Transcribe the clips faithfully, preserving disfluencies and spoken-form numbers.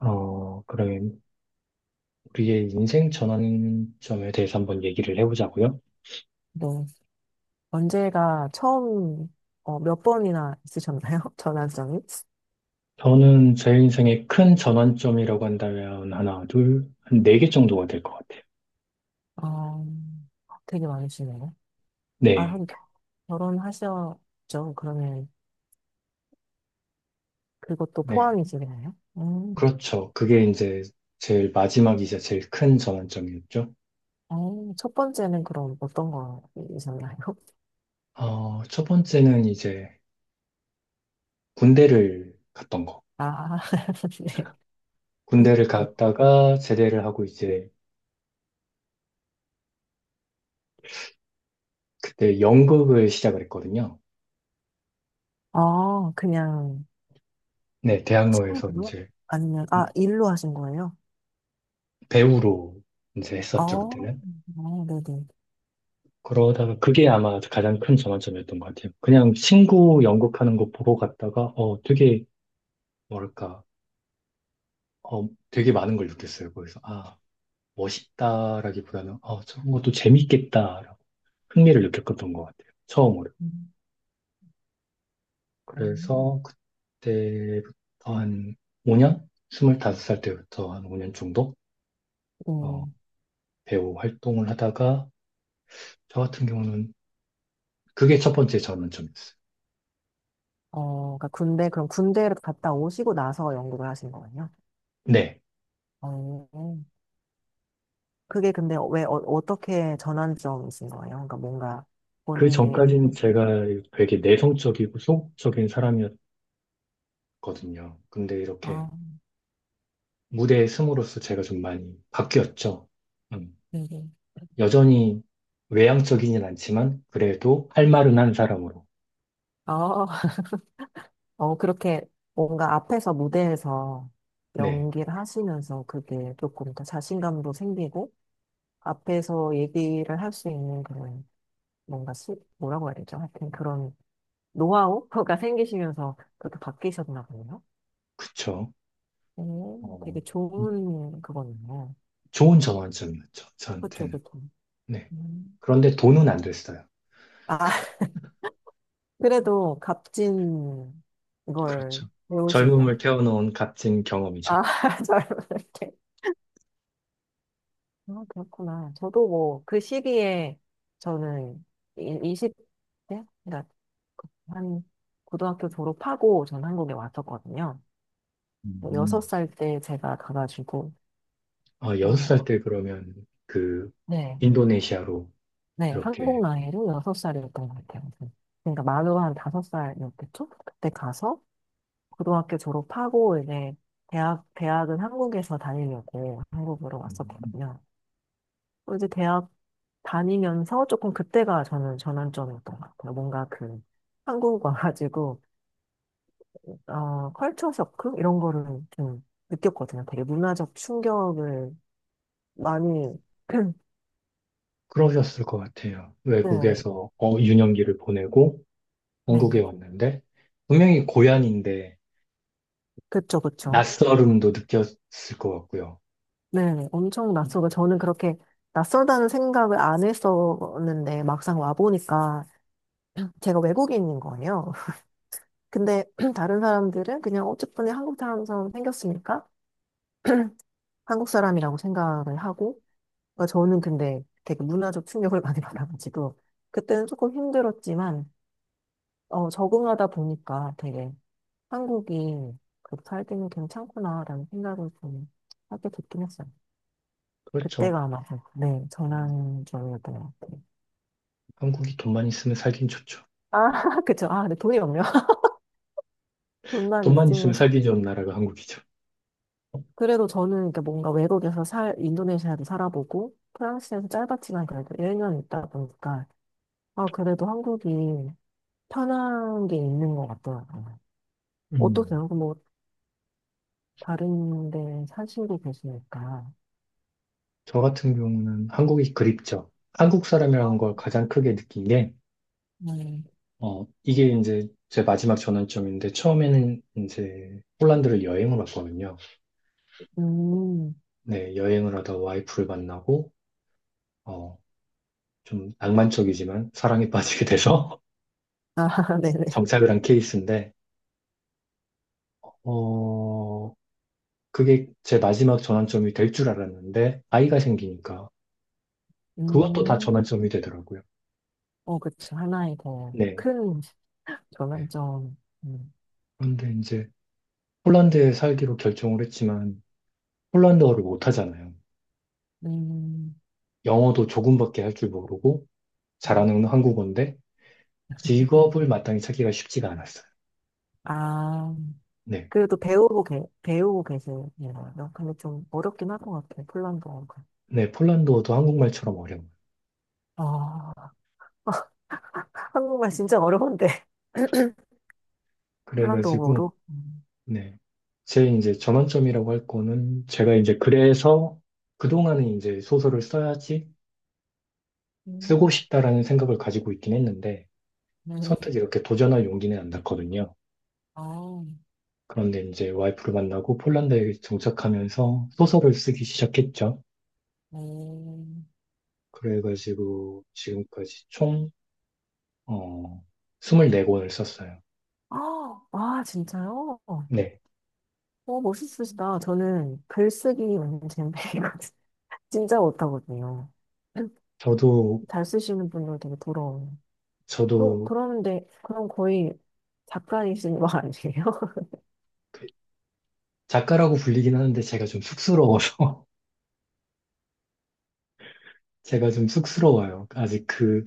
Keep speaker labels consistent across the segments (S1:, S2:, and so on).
S1: 어, 그럼 우리의 인생 전환점에 대해서 한번 얘기를 해보자고요.
S2: 네. 언제가 처음, 어, 몇 번이나 있으셨나요? 전화성이?
S1: 저는 제 인생의 큰 전환점이라고 한다면 하나, 둘, 한 네 개 정도가 될 것 같아요.
S2: 어, 되게 많으시네요. 아,
S1: 네,
S2: 한 결혼하셨죠? 그러면 그것도
S1: 네.
S2: 포함이 되나요? 음.
S1: 그렇죠. 그게 이제 제일 마지막이자 제일 큰 전환점이었죠.
S2: 어, 첫 번째는 그럼 어떤 거이셨나요?
S1: 어, 첫 번째는 이제 군대를 갔던 거.
S2: 아, 네. 음.
S1: 군대를 갔다가 제대를 하고 이제 그때 연극을 시작을 했거든요.
S2: 아, 그냥
S1: 네, 대학로에서
S2: 차로?
S1: 이제
S2: 아니면, 아, 일로 하신 거예요?
S1: 배우로 이제
S2: 아,
S1: 했었죠, 그때는.
S2: 아, 네네.
S1: 그러다가 그게 아마 가장 큰 전환점이었던 것 같아요. 그냥 친구
S2: 음,
S1: 연극하는 거 보고 갔다가, 어, 되게, 뭐랄까, 어, 되게 많은 걸 느꼈어요. 거기서, 아, 멋있다라기보다는, 어, 저런 것도 재밌겠다라고 흥미를 느꼈던 것 같아요. 처음으로.
S2: 음, 음.
S1: 그래서 그때부터 한 오 년? 스물다섯 살 때부터 한 오 년 정도,
S2: 네.
S1: 어, 배우 활동을 하다가, 저 같은 경우는 그게 첫 번째 전환점이었어요.
S2: 어, 그러니까 군대, 그럼 군대를 갔다 오시고 나서 연구를 하신 거예요?
S1: 네.
S2: 어, 그게 근데 왜, 어, 어떻게 전환점이신 거예요? 그러니까 뭔가
S1: 그
S2: 본인의, 인-
S1: 전까지는 제가 되게 내성적이고 소극적인 사람이었거든요. 근데 이렇게
S2: 아,
S1: 무대에 숨으로써 제가 좀 많이 바뀌었죠. 음,
S2: 네.
S1: 여전히 외향적이진 않지만 그래도 할 말은 한 사람으로.
S2: 어, 어, 그렇게 뭔가 앞에서 무대에서
S1: 네,
S2: 연기를 하시면서 그게 조금 더 자신감도 생기고 앞에서 얘기를 할 수 있는 그런 뭔가 수, 뭐라고 해야 되죠? 하여튼 그런 노하우가 생기시면서 그렇게 바뀌셨나 보네요.
S1: 그쵸.
S2: 오,
S1: 어,
S2: 되게 좋은 그거네요.
S1: 좋은 전환점이었죠,
S2: 그쵸,
S1: 저한테는.
S2: 그쵸.
S1: 네.
S2: 음.
S1: 그런데 돈은 안 됐어요.
S2: 아, 그래도 값진 걸
S1: 그렇죠.
S2: 배우신 것
S1: 젊음을
S2: 같아요.
S1: 태워놓은 값진 경험이죠.
S2: 아, 잘 모르게. 아, 그렇구나. 저도 뭐, 그 시기에 저는 이십 대? 그러니까 한 고등학교 졸업하고 전 한국에 왔었거든요.
S1: 음,
S2: 여섯 살 때 제가 가가지고,
S1: 어, 여섯 살
S2: 어,
S1: 때 그러면 그
S2: 네.
S1: 인도네시아로
S2: 네, 한국
S1: 이렇게
S2: 나이로 여섯 살이었던 것 같아요. 네. 그러니까 만으로 한 다섯 살이었겠죠? 그때 가서 고등학교 졸업하고 이제 대학, 대학은 한국에서 다니려고 한국으로
S1: 음,
S2: 왔었거든요. 또 이제 대학 다니면서 조금 그때가 저는 전환점이었던 것 같아요. 뭔가 그 한국 와가지고, 어, 컬처 쇼크? 이런 거를 좀 느꼈거든요. 되게 문화적 충격을 많이,
S1: 그러셨을 것 같아요.
S2: 네, 네.
S1: 외국에서 어, 유년기를 보내고 한국에
S2: 네.
S1: 왔는데 분명히 고향인데
S2: 그쵸, 그쵸.
S1: 낯설음도 느꼈을 것 같고요.
S2: 네, 엄청 낯설고 저는 그렇게 낯설다는 생각을 안 했었는데 막상 와보니까 제가 외국인인 거예요. 근데 다른 사람들은 그냥 어쨌든 한국 사람처럼 생겼으니까 한국 사람이라고 생각을 하고, 그러니까 저는 근데 되게 문화적 충격을 많이 받아가지고 그때는 조금 힘들었지만 어, 적응하다 보니까 되게 한국이 그렇게 살 때는 괜찮구나라는 생각을 좀 하게 됐긴 했어요.
S1: 그렇죠.
S2: 그때가 아마 네,
S1: 음,
S2: 전환점이었던 것 같아요.
S1: 한국이 돈만 있으면 살긴 좋죠.
S2: 아, 그쵸. 아, 근데 돈이 없네요. 돈만
S1: 돈만
S2: 있으면.
S1: 있으면
S2: 좋-
S1: 살기 좋은 나라가 한국이죠.
S2: 그래도 저는 그러니까 뭔가 외국에서 살, 인도네시아도 살아보고, 프랑스에서 짧았지만 그래도 일 년 있다 보니까, 아, 그래도 한국이 편한 게 있는 것 같더라고요.
S1: 음,
S2: 어떠세요? 그럼 뭐, 다른 데 사시고 계시니까.
S1: 저 같은 경우는 한국이 그립죠. 한국 사람이라는 걸 가장 크게 느낀 게,
S2: 음,
S1: 어, 이게 이제 제 마지막 전환점인데, 처음에는 이제 폴란드를 여행을 왔거든요.
S2: 음.
S1: 네, 여행을 하다 와이프를 만나고, 어, 좀 낭만적이지만 사랑에 빠지게 돼서
S2: 아, 네네.
S1: 정착을 한 케이스인데, 어, 그게 제 마지막 전환점이 될 줄 알았는데, 아이가 생기니까 그것도 다
S2: 음,
S1: 전환점이 되더라고요.
S2: 어, 그쵸. 하나의 더
S1: 네.
S2: 큰 전환점. 음,
S1: 그런데 이제 폴란드에 살기로 결정을 했지만, 폴란드어를 못하잖아요.
S2: 음.
S1: 영어도 조금밖에 할 줄 모르고,
S2: 음.
S1: 잘하는 한국어인데, 직업을 마땅히 찾기가 쉽지가 않았어요.
S2: 아.
S1: 네.
S2: 그래도 배우고, 계, 배우고 계시네요. 근데 좀 어렵긴 할 것 같아요. 폴란드어가.
S1: 네, 폴란드어도 한국말처럼 어려워요.
S2: 아, 한국말 진짜 어려운데.
S1: 그래가지고,
S2: 폴란드어로. 음.
S1: 네. 제 이제 전환점이라고 할 거는 제가 이제 그래서 그동안은 이제 소설을 써야지 쓰고
S2: 음.
S1: 싶다라는 생각을 가지고 있긴 했는데
S2: 네.
S1: 선뜻 이렇게 도전할 용기는 안 났거든요.
S2: 아,
S1: 그런데 이제 와이프를 만나고 폴란드에 정착하면서 소설을 쓰기 시작했죠.
S2: 네.
S1: 그래가지고 지금까지 총, 어, 이십사 권을 썼어요.
S2: 아, 와, 진짜요?
S1: 네.
S2: 어, 멋있으시다. 저는 글쓰기 완전 젬병이거든요. 진짜 못하거든요.
S1: 저도,
S2: 잘 쓰시는 분들 되게 부러워요. 그,
S1: 저도
S2: 그러는데, 그럼 거의 작가이신 거 아니에요?
S1: 그 작가라고 불리긴 하는데 제가 좀 쑥스러워서 제가 좀 쑥스러워요. 아직 그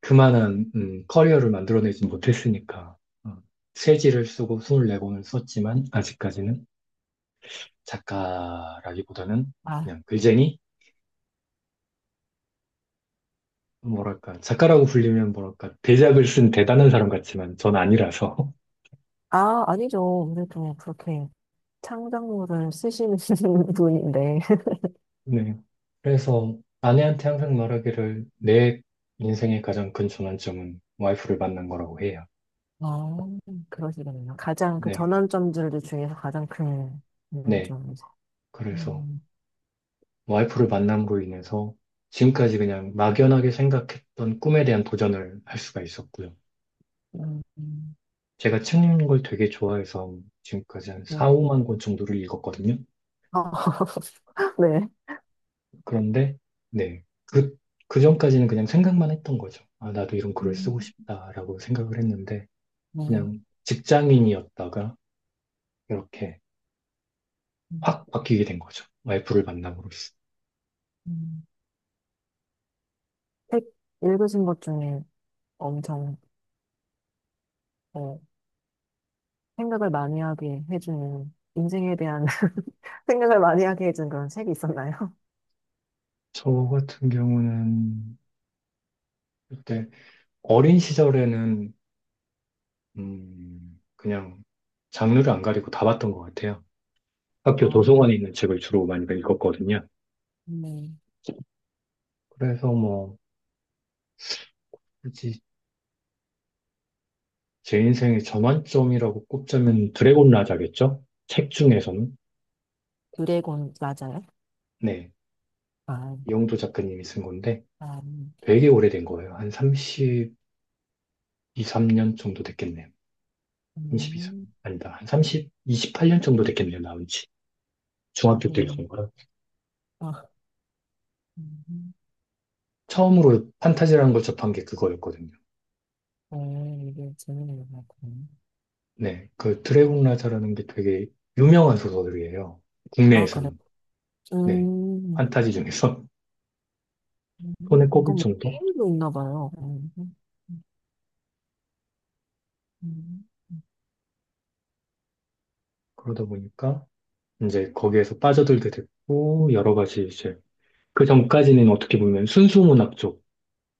S1: 그만한 음, 커리어를 만들어내지 못했으니까 어, 세지를 쓰고 이십사 권을 썼지만 아직까지는 작가라기보다는
S2: 아,
S1: 그냥 글쟁이 뭐랄까 작가라고 불리면 뭐랄까 대작을 쓴 대단한 사람 같지만 전 아니라서
S2: 아, 아니죠. 아무래도 그렇게. 창작물을 쓰시는 분인데,
S1: 네. 그래서 아내한테 항상 말하기를 내 인생의 가장 큰 전환점은 와이프를 만난 거라고 해요.
S2: 아, 그러시겠네요. 가장 그
S1: 네,
S2: 전환점들 중에서 가장 큰
S1: 네.
S2: 전환점이죠.
S1: 그래서
S2: 음,
S1: 와이프를 만남으로 인해서 지금까지 그냥 막연하게 생각했던 꿈에 대한 도전을 할 수가 있었고요.
S2: 음, 음,
S1: 제가 책 읽는 걸 되게 좋아해서 지금까지 한 사,
S2: 음.
S1: 오만 권 정도를 읽었거든요.
S2: 아, 네.
S1: 그런데, 네. 그, 그 전까지는 그냥 생각만 했던 거죠. 아, 나도 이런 글을
S2: 음.
S1: 쓰고 싶다라고 생각을 했는데,
S2: 네.
S1: 그냥 직장인이었다가 이렇게
S2: 음,
S1: 확 바뀌게 된 거죠. 와이프를 만남으로써.
S2: 음. 책 읽으신 것 중에 엄청 어, 생각을 많이 하게 해주는 인생에 대한 생각을 많이 하게 해준 그런 책이 있었나요?
S1: 저 같은 경우는 그때 어린 시절에는 음, 그냥 장르를 안 가리고 다 봤던 것 같아요. 학교
S2: 아,
S1: 도서관에 있는 책을 주로 많이 읽었거든요.
S2: 네.
S1: 그래서 뭐, 굳이 제 인생의 전환점이라고 꼽자면 드래곤 라자겠죠? 책 중에서는.
S2: 드래곤 맞아요?
S1: 네.
S2: 아,
S1: 이영도 작가님이 쓴 건데
S2: 아,
S1: 되게 오래된 거예요. 한 삼십이, 삼 년 정도 됐겠네요. 삼십이, 삼
S2: 음,
S1: 아니다. 한 삼십, 이십팔 년 정도 됐겠네요. 나온 지. 중학교 때
S2: 음,
S1: 읽은 거라.
S2: 아, 음,
S1: 처음으로 판타지라는 걸 접한 게 그거였거든요.
S2: 어, 이게 재밌는 것 같아요.
S1: 네, 그 드래곤 라자라는 게 되게 유명한 소설이에요.
S2: 아, 그래.
S1: 국내에서는. 네,
S2: 음,
S1: 판타지 중에서
S2: 음,
S1: 손에
S2: 이거
S1: 꼽을
S2: 뭐,
S1: 정도?
S2: 페이도 있나 봐요. 음, 음,
S1: 그러다 보니까 이제 거기에서 빠져들게 됐고, 여러 가지 이제 그 전까지는 어떻게 보면 순수 문학 쪽,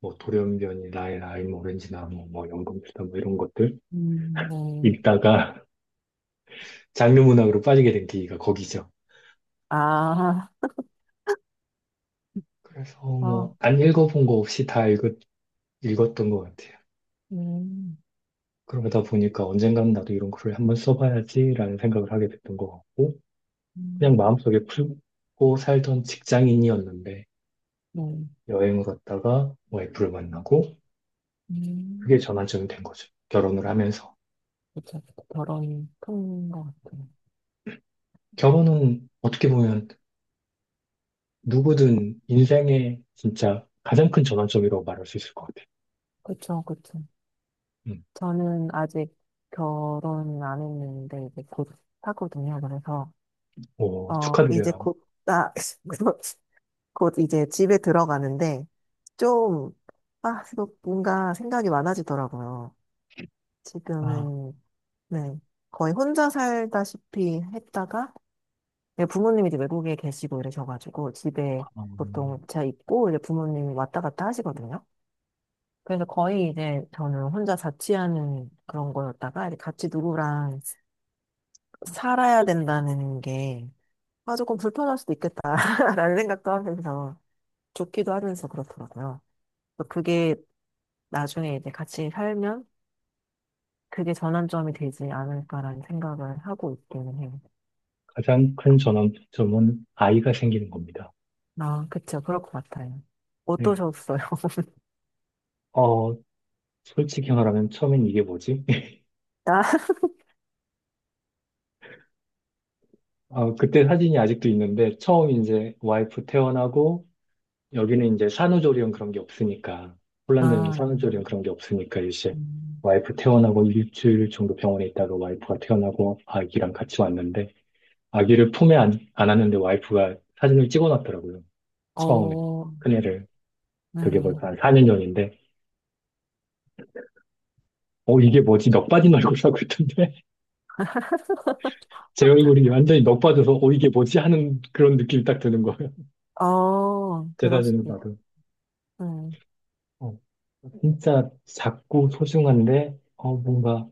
S1: 뭐 돌연변이, 라이, 라임, 오렌지나 뭐, 뭐 연금술사 뭐 이런 것들
S2: 음, 네.
S1: 읽다가 장르 문학으로 빠지게 된 계기가 거기죠.
S2: 아,
S1: 그래서
S2: 아,
S1: 뭐 안 읽어본 거 없이 다 읽었, 읽었던 것 같아요.
S2: 음,
S1: 그러다 보니까 언젠가는 나도 이런 글을 한번 써봐야지라는 생각을 하게 됐던 것 같고, 그냥
S2: 음,
S1: 마음속에 품고 살던 직장인이었는데,
S2: 네.
S1: 여행을 갔다가 와이프를 만나고, 그게
S2: 음,
S1: 전환점이 된 거죠. 결혼을 하면서.
S2: 그쵸. 결혼이 큰 것 같아요.
S1: 결혼은 어떻게 보면 누구든 인생의 진짜 가장 큰 전환점이라고 말할 수 있을 것 같아요.
S2: 그쵸, 그쵸.
S1: 음.
S2: 저는 아직 결혼 안 했는데, 이제 곧 하거든요. 그래서,
S1: 오,
S2: 어, 이제
S1: 축하드려요.
S2: 곧, 아, 곧 이제 집에 들어가는데 좀, 아, 이거 뭔가 생각이 많아지더라고요.
S1: 아,
S2: 지금은, 네, 거의 혼자 살다시피 했다가 네, 부모님이 이제 외국에 계시고 이러셔가지고 집에
S1: 음,
S2: 보통 제가 있고 이제 부모님이 왔다 갔다 하시거든요. 그래서 거의 이제 저는 혼자 자취하는 그런 거였다가 이제 같이 누구랑 살아야 된다는 게 아, 조금 불편할 수도 있겠다라는 생각도 하면서 좋기도 하면서 그렇더라고요. 그래서 그게 나중에 이제 같이 살면 그게 전환점이 되지 않을까라는 생각을 하고 있기는 해요.
S1: 가장 큰 전환점은 아이가 생기는 겁니다.
S2: 아, 그쵸. 그럴 것 같아요.
S1: 네.
S2: 어떠셨어요?
S1: 어, 솔직히 말하면 처음엔 이게 뭐지?
S2: 나?
S1: 아, 그때 사진이 아직도 있는데 처음 이제 와이프 퇴원하고 여기는 이제 산후조리원 그런 게 없으니까 폴란드는
S2: 아,
S1: 산후조리원 그런 게 없으니까 이제
S2: 음,
S1: 와이프 퇴원하고 일주일 정도 병원에 있다가 와이프가 퇴원하고 아기랑 같이 왔는데 아기를 품에 안, 안았는데 와이프가 사진을 찍어놨더라고요. 처음에
S2: 어,
S1: 큰애를 그게
S2: 네.
S1: 벌써 한 사 년 전인데 어 이게 뭐지 넋 빠진 얼굴이라고 했던데 제 얼굴이 완전히 넋 빠져서 어 이게 뭐지 하는 그런 느낌이 딱 드는 거예요.
S2: 어,
S1: 제
S2: 그럴
S1: 사진을
S2: 수도 있고.
S1: 봐도.
S2: 음,
S1: 어, 진짜 작고 소중한데, 어, 뭔가,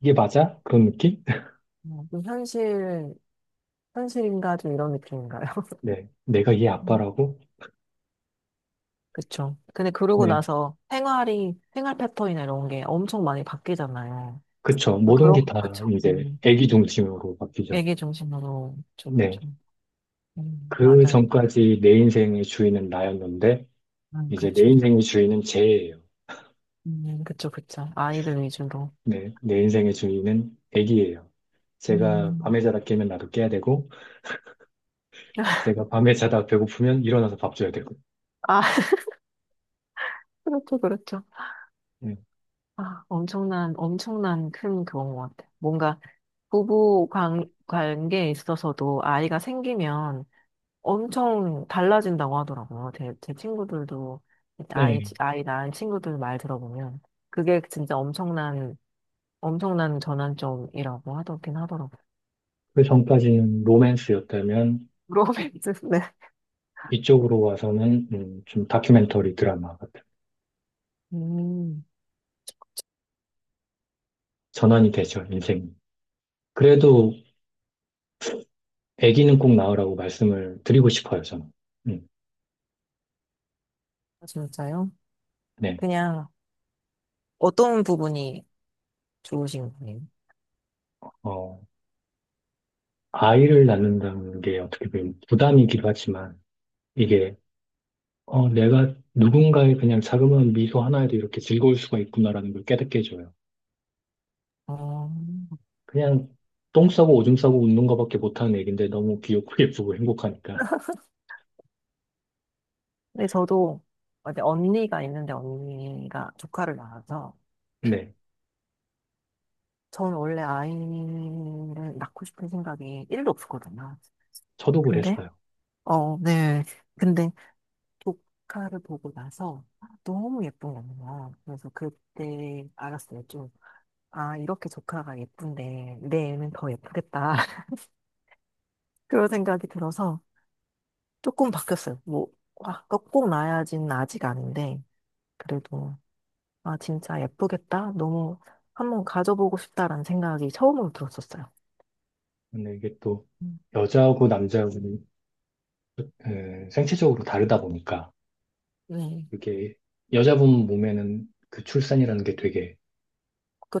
S1: 이게 맞아? 그런 느낌?
S2: 어, 좀 현실, 현실인가 좀 이런 느낌인가요?
S1: 네. 내가 얘
S2: 음,
S1: 아빠라고?
S2: 그쵸. 근데 그러고
S1: 네.
S2: 나서 생활이, 생활 패턴이나 이런 게 엄청 많이 바뀌잖아요.
S1: 그쵸. 모든
S2: 그런,
S1: 게 다
S2: 그쵸.
S1: 이제
S2: 음.
S1: 애기 중심으로 바뀌죠.
S2: 애기 중심으로, 그쵸,
S1: 네.
S2: 그쵸. 음,
S1: 그
S2: 맞아요.
S1: 전까지 내 인생의 주인은 나였는데,
S2: 음,
S1: 이제 내
S2: 그쵸.
S1: 인생의 주인은 쟤예요.
S2: 음, 그쵸, 그쵸. 아이들 위주로.
S1: 네. 내 인생의 주인은 애기예요. 제가
S2: 음.
S1: 밤에 자다 깨면 나도 깨야 되고, 제가 밤에 자다 배고프면 일어나서 밥 줘야 되고.
S2: 아, 그렇죠, 그렇죠.
S1: 네.
S2: 아, 엄청난, 엄청난 큰 그건 것 같아. 뭔가 부부 관, 관계에 있어서도 아이가 생기면 엄청 달라진다고 하더라고요. 제, 제 친구들도, 아이,
S1: 네.
S2: 아이 낳은 친구들 말 들어보면 그게 진짜 엄청난, 엄청난 전환점이라고 하더긴 하더라고요.
S1: 그 전까지는 로맨스였다면,
S2: 로맨스, 네.
S1: 이쪽으로 와서는 음, 좀 다큐멘터리 드라마 같은
S2: 음.
S1: 전환이 되죠, 인생이. 그래도 아기는 꼭 낳으라고 말씀을 드리고 싶어요, 저는. 음,
S2: 아, 진짜요?
S1: 네.
S2: 그냥 어떤 부분이 좋으신 거예요?
S1: 어, 아이를 낳는다는 게 어떻게 보면 부담이기도 하지만 이게 어, 내가 누군가의 그냥 자그마한 미소 하나에도 이렇게 즐거울 수가 있구나라는 걸 깨닫게 해줘요.
S2: 어,
S1: 그냥 똥 싸고 오줌 싸고 웃는 것밖에 못하는 애기인데 너무 귀엽고 예쁘고 행복하니까.
S2: 근데 저도 어제 언니가 있는데 언니가 조카를 낳아서
S1: 네.
S2: 저는 원래 아이를 낳고 싶은 생각이 일도 없었거든요.
S1: 저도
S2: 근데
S1: 그랬어요.
S2: 어, 네. 근데 조카를 보고 나서 너무 예쁜 거예요. 그래서 그때 알았어요. 좀, 아, 이렇게 조카가 예쁜데 내 애는 더 예쁘겠다. 그런 생각이 들어서 조금 바뀌었어요. 뭐, 와, 꼭 나야지는 아직 아닌데, 그래도, 아, 진짜 예쁘겠다. 너무 한번 가져보고 싶다라는 생각이 처음으로 들었었어요.
S1: 근데 이게 또
S2: 음,
S1: 여자하고 남자하고 그 생체적으로 다르다 보니까
S2: 네,
S1: 그게 여자분 몸에는 그 출산이라는 게 되게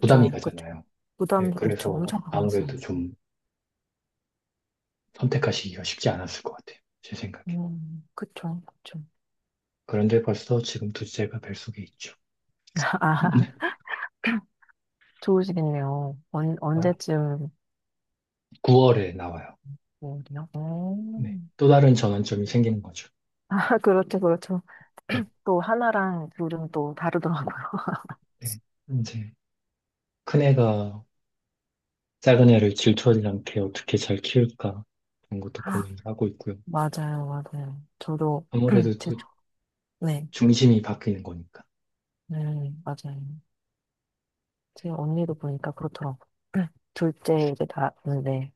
S1: 부담이
S2: 그쵸.
S1: 가잖아요.
S2: 부담,
S1: 예,
S2: 그쵸,
S1: 그래서
S2: 엄청 가봤어요.
S1: 아무래도 좀 선택하시기가 쉽지 않았을 것 같아요. 제 생각에.
S2: 음, 그쵸, 그쵸.
S1: 그런데 벌써 지금 둘째가 뱃속에 있죠.
S2: 아, 좋으시겠네요. 언, 언제쯤,
S1: 구월에 나와요.
S2: 뭐요?
S1: 네. 또 다른 전환점이 생기는 거죠.
S2: 아, 그렇죠, 그렇죠.
S1: 네.
S2: 또 하나랑 둘은 또 다르더라고요.
S1: 네. 이제 큰애가 작은 애를 질투하지 않게 어떻게 잘 키울까 그런 것도 고민을 하고 있고요.
S2: 맞아요, 맞아요. 저도,
S1: 아무래도
S2: 제,
S1: 또
S2: 네,
S1: 중심이 바뀌는 거니까.
S2: 네, 맞아요. 제 언니도 보니까 그렇더라고. 둘째 이제 낳았는데.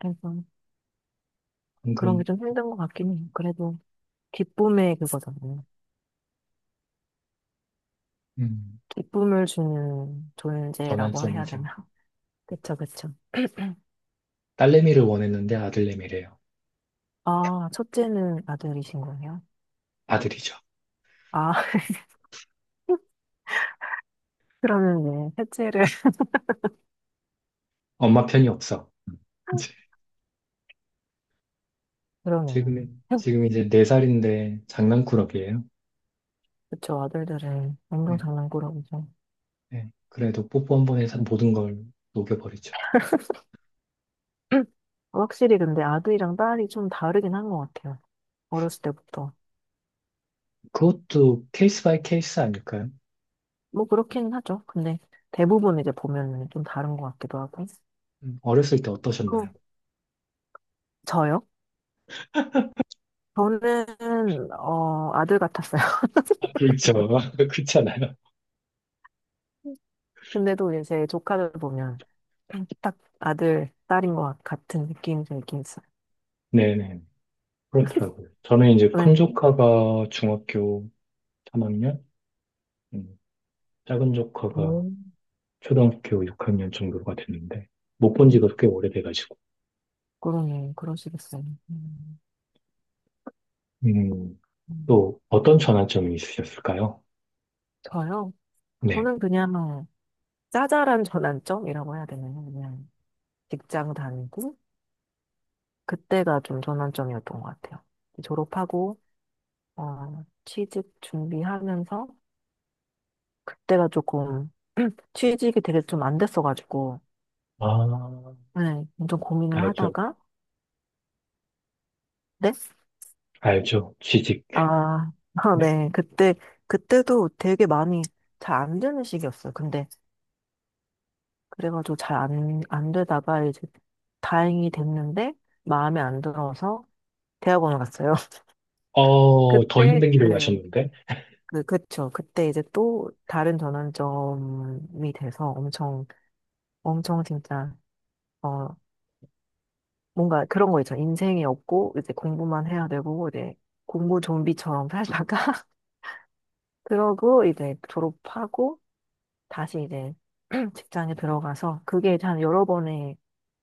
S2: 그래서 그런 게
S1: 방금
S2: 좀 힘든 것 같긴 해요. 그래도 기쁨의 그거잖아요.
S1: 음,
S2: 기쁨을 주는 존재라고 해야
S1: 전환점이죠.
S2: 되나? 그쵸, 그쵸.
S1: 딸내미를 원했는데 아들내미래요.
S2: 아, 첫째는 아들이신 거예요?
S1: 아들이죠.
S2: 아, 그러면 네, 셋째를.
S1: 엄마 편이 없어. 음. 이제
S2: 그러네요.
S1: 지금 지금 이제 네 살인데 장난꾸러기예요.
S2: 그쵸, 아들들은 완전
S1: 네,
S2: 장난꾸러기죠.
S1: 네. 그래도 뽀뽀 한 번에 사- 모든 걸 녹여버리죠.
S2: 확실히 근데 아들이랑 딸이 좀 다르긴 한 것 같아요. 어렸을 때부터.
S1: 그것도 케이스 바이 케이스 아닐까요?
S2: 뭐 그렇긴 하죠. 근데 대부분 이제 보면은 좀 다른 것 같기도 하고.
S1: 음. 어렸을 때
S2: 그,
S1: 어떠셨나요?
S2: 저요? 저는, 어, 아들 같았어요.
S1: 아, 그렇죠. 그렇잖아요.
S2: 근데도 이제 제 조카들 보면 딱 아들, 딸인 것 같- 같은 느낌이 들긴 있어요.
S1: 네네. 그렇더라고요. 저는 이제 큰
S2: 네.
S1: 조카가 중학교 삼 학년, 음, 작은 조카가
S2: 오.
S1: 초등학교 육 학년 정도가 됐는데 못 본 지가 꽤 오래돼가지고.
S2: 그러네, 그러시겠어요. 음,
S1: 음,
S2: 음.
S1: 또 어떤 전환점이 있으셨을까요?
S2: 저요?
S1: 네.
S2: 저는 그냥 짜잘한 전환점이라고 해야 되나요? 그냥 직장 다니고, 그때가 좀 전환점이었던 것 같아요. 졸업하고, 어, 취직 준비하면서 그때가 조금 취직이 되게 좀 안 됐어가지고
S1: 아,
S2: 네, 엄청 고민을
S1: 알죠.
S2: 하다가 네?
S1: 알죠. 취직.
S2: 아, 아,
S1: 네.
S2: 네. 그때 그때도 되게 많이 잘 안 되는 시기였어요. 근데 그래가지고 잘 안, 안 되다가 이제 다행히 됐는데 마음에 안 들어서 대학원을 갔어요.
S1: 어, 더
S2: 그때
S1: 힘든 길을
S2: 네.
S1: 가셨는데,
S2: 그, 그쵸. 그때 이제 또 다른 전환점이 돼서 엄청, 엄청 진짜, 어, 뭔가 그런 거 있죠. 인생이 없고 이제 공부만 해야 되고 이제 공부 좀비처럼 살다가 그러고 이제 졸업하고 다시 이제 직장에 들어가서 그게 이제 한 여러 번의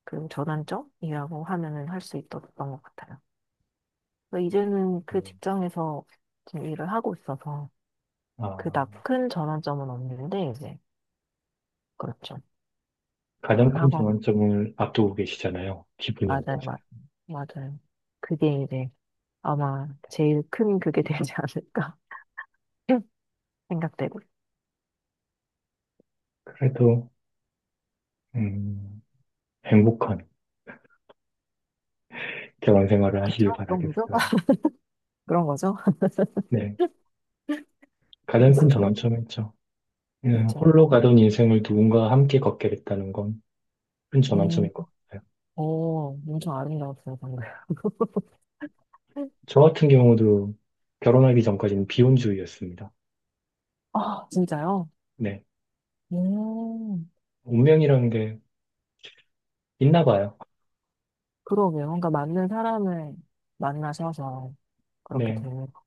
S2: 그 전환점이라고 하면은 할 수 있었던 것 같아요. 그래서 이제는 그
S1: 음,
S2: 직장에서 지금 일을 하고 있어서
S1: 아,
S2: 그닥 큰 전환점은 없는데 이제 그렇죠.
S1: 가장 큰
S2: 결혼하고
S1: 전환점을 앞두고 계시잖아요. 기분이
S2: 맞아요,
S1: 어떠세요?
S2: 맞아요, 맞아요. 그게 이제 아마 제일 큰 그게 되지 않을까 생각되고.
S1: 그래도, 음, 행복한 대원 생활을 하시길
S2: 그쵸? 그런 거죠?
S1: 바라겠어요.
S2: 그런 거죠?
S1: 네. 가장 큰
S2: 데스크럽?
S1: 전환점이죠. 음,
S2: 그쵸.
S1: 홀로 가던 인생을 누군가와 함께 걷게 됐다는 건 큰
S2: 음,
S1: 전환점인 것 같아요.
S2: 오, 엄청 아름다웠어요, 방금.
S1: 저 같은 경우도 결혼하기 전까지는 비혼주의였습니다.
S2: 아, 진짜요?
S1: 네.
S2: 음,
S1: 운명이라는 게 있나 봐요.
S2: 그러게요. 그러니까 맞는 사람을 만나셔서 그렇게
S1: 네.
S2: 되는 거.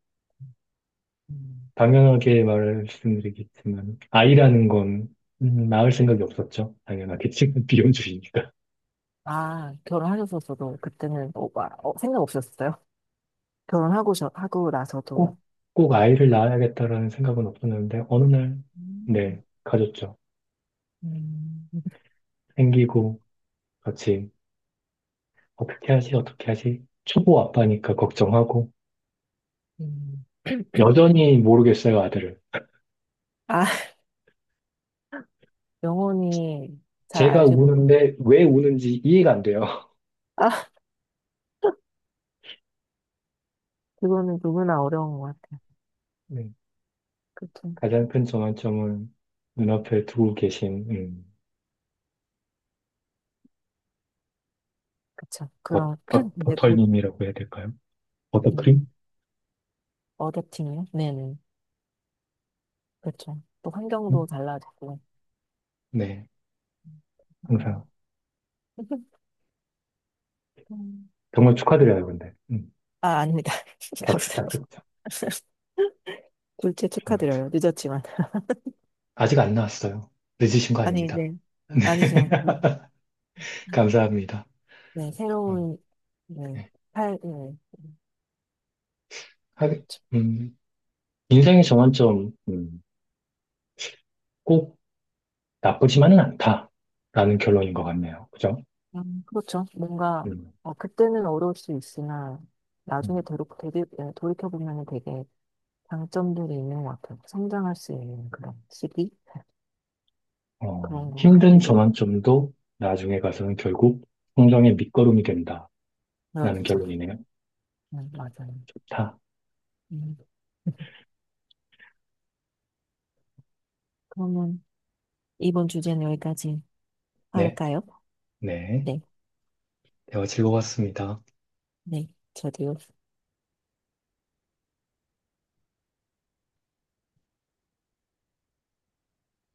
S2: 음.
S1: 당연하게 말씀드리겠지만, 아이라는 건 음, 낳을 생각이 없었죠. 당연하게 지금 비혼주의니까.
S2: 아, 결혼하셨었어도 그때는 어, 와, 어, 생각 없으셨어요? 결혼하고 저, 하고 나서도.
S1: 꼭, 꼭 아이를 낳아야겠다라는 생각은 없었는데, 어느 날,
S2: 음,
S1: 네, 가졌죠.
S2: 음,
S1: 생기고, 같이, 어떻게 하지, 어떻게 하지? 초보 아빠니까 걱정하고,
S2: 음.
S1: 여전히 모르겠어요, 아들을.
S2: 아, 영혼이 잘
S1: 제가
S2: 알지 못해.
S1: 우는데 왜 우는지 이해가 안 돼요.
S2: 아, 그거는 누구나 어려운 것 같아요.
S1: 네,
S2: 그쵸.
S1: 가장 큰 전환점은 눈앞에 두고 계신, 음,
S2: 그쵸.
S1: 버,
S2: 그런,
S1: 버,
S2: 이제 곧
S1: 버터님이라고 해야 될까요? 버터크림?
S2: 음, 어댑팅이요? 네네. 그렇죠. 또
S1: 음?
S2: 환경도 달라지고.
S1: 네, 항상.
S2: 음. 음.
S1: 정말 축하드려요, 근데. 음,
S2: 아, 아닙니다.
S1: 박수
S2: 감사합니다.
S1: 딱 듣죠.
S2: 둘째
S1: 정말
S2: 축하드려요.
S1: 축하.
S2: 늦었지만.
S1: 아직 안 나왔어요. 늦으신 거
S2: 아니,
S1: 아닙니다.
S2: 네.
S1: 네,
S2: 아니죠. 음.
S1: 감사합니다.
S2: 네,
S1: 그럼,
S2: 새로운, 네,
S1: 네.
S2: 팔, 네.
S1: 하
S2: 그렇죠.
S1: 음, 인생의 전환점, 음, 꼭 나쁘지만은 않다라는 결론인 것 같네요. 그죠?
S2: 음, 그렇죠. 뭔가,
S1: 음,
S2: 어, 그때는 어려울 수 있으나,
S1: 음.
S2: 나중에 되로, 되리, 예, 돌이켜보면 되게 장점들이 있는 것 같아요. 성장할 수 있는 그런 시기?
S1: 어,
S2: 그런 것
S1: 힘든
S2: 같기도
S1: 전환점도 나중에 가서는 결국 성장의 밑거름이 된다라는
S2: 그렇죠.
S1: 결론이네요.
S2: 음, 맞아요.
S1: 좋다.
S2: 음. 그러면 이번 주제는 여기까지
S1: 네,
S2: 할까요?
S1: 네.
S2: 네,
S1: 대화 즐거웠습니다.
S2: 네, 저도요.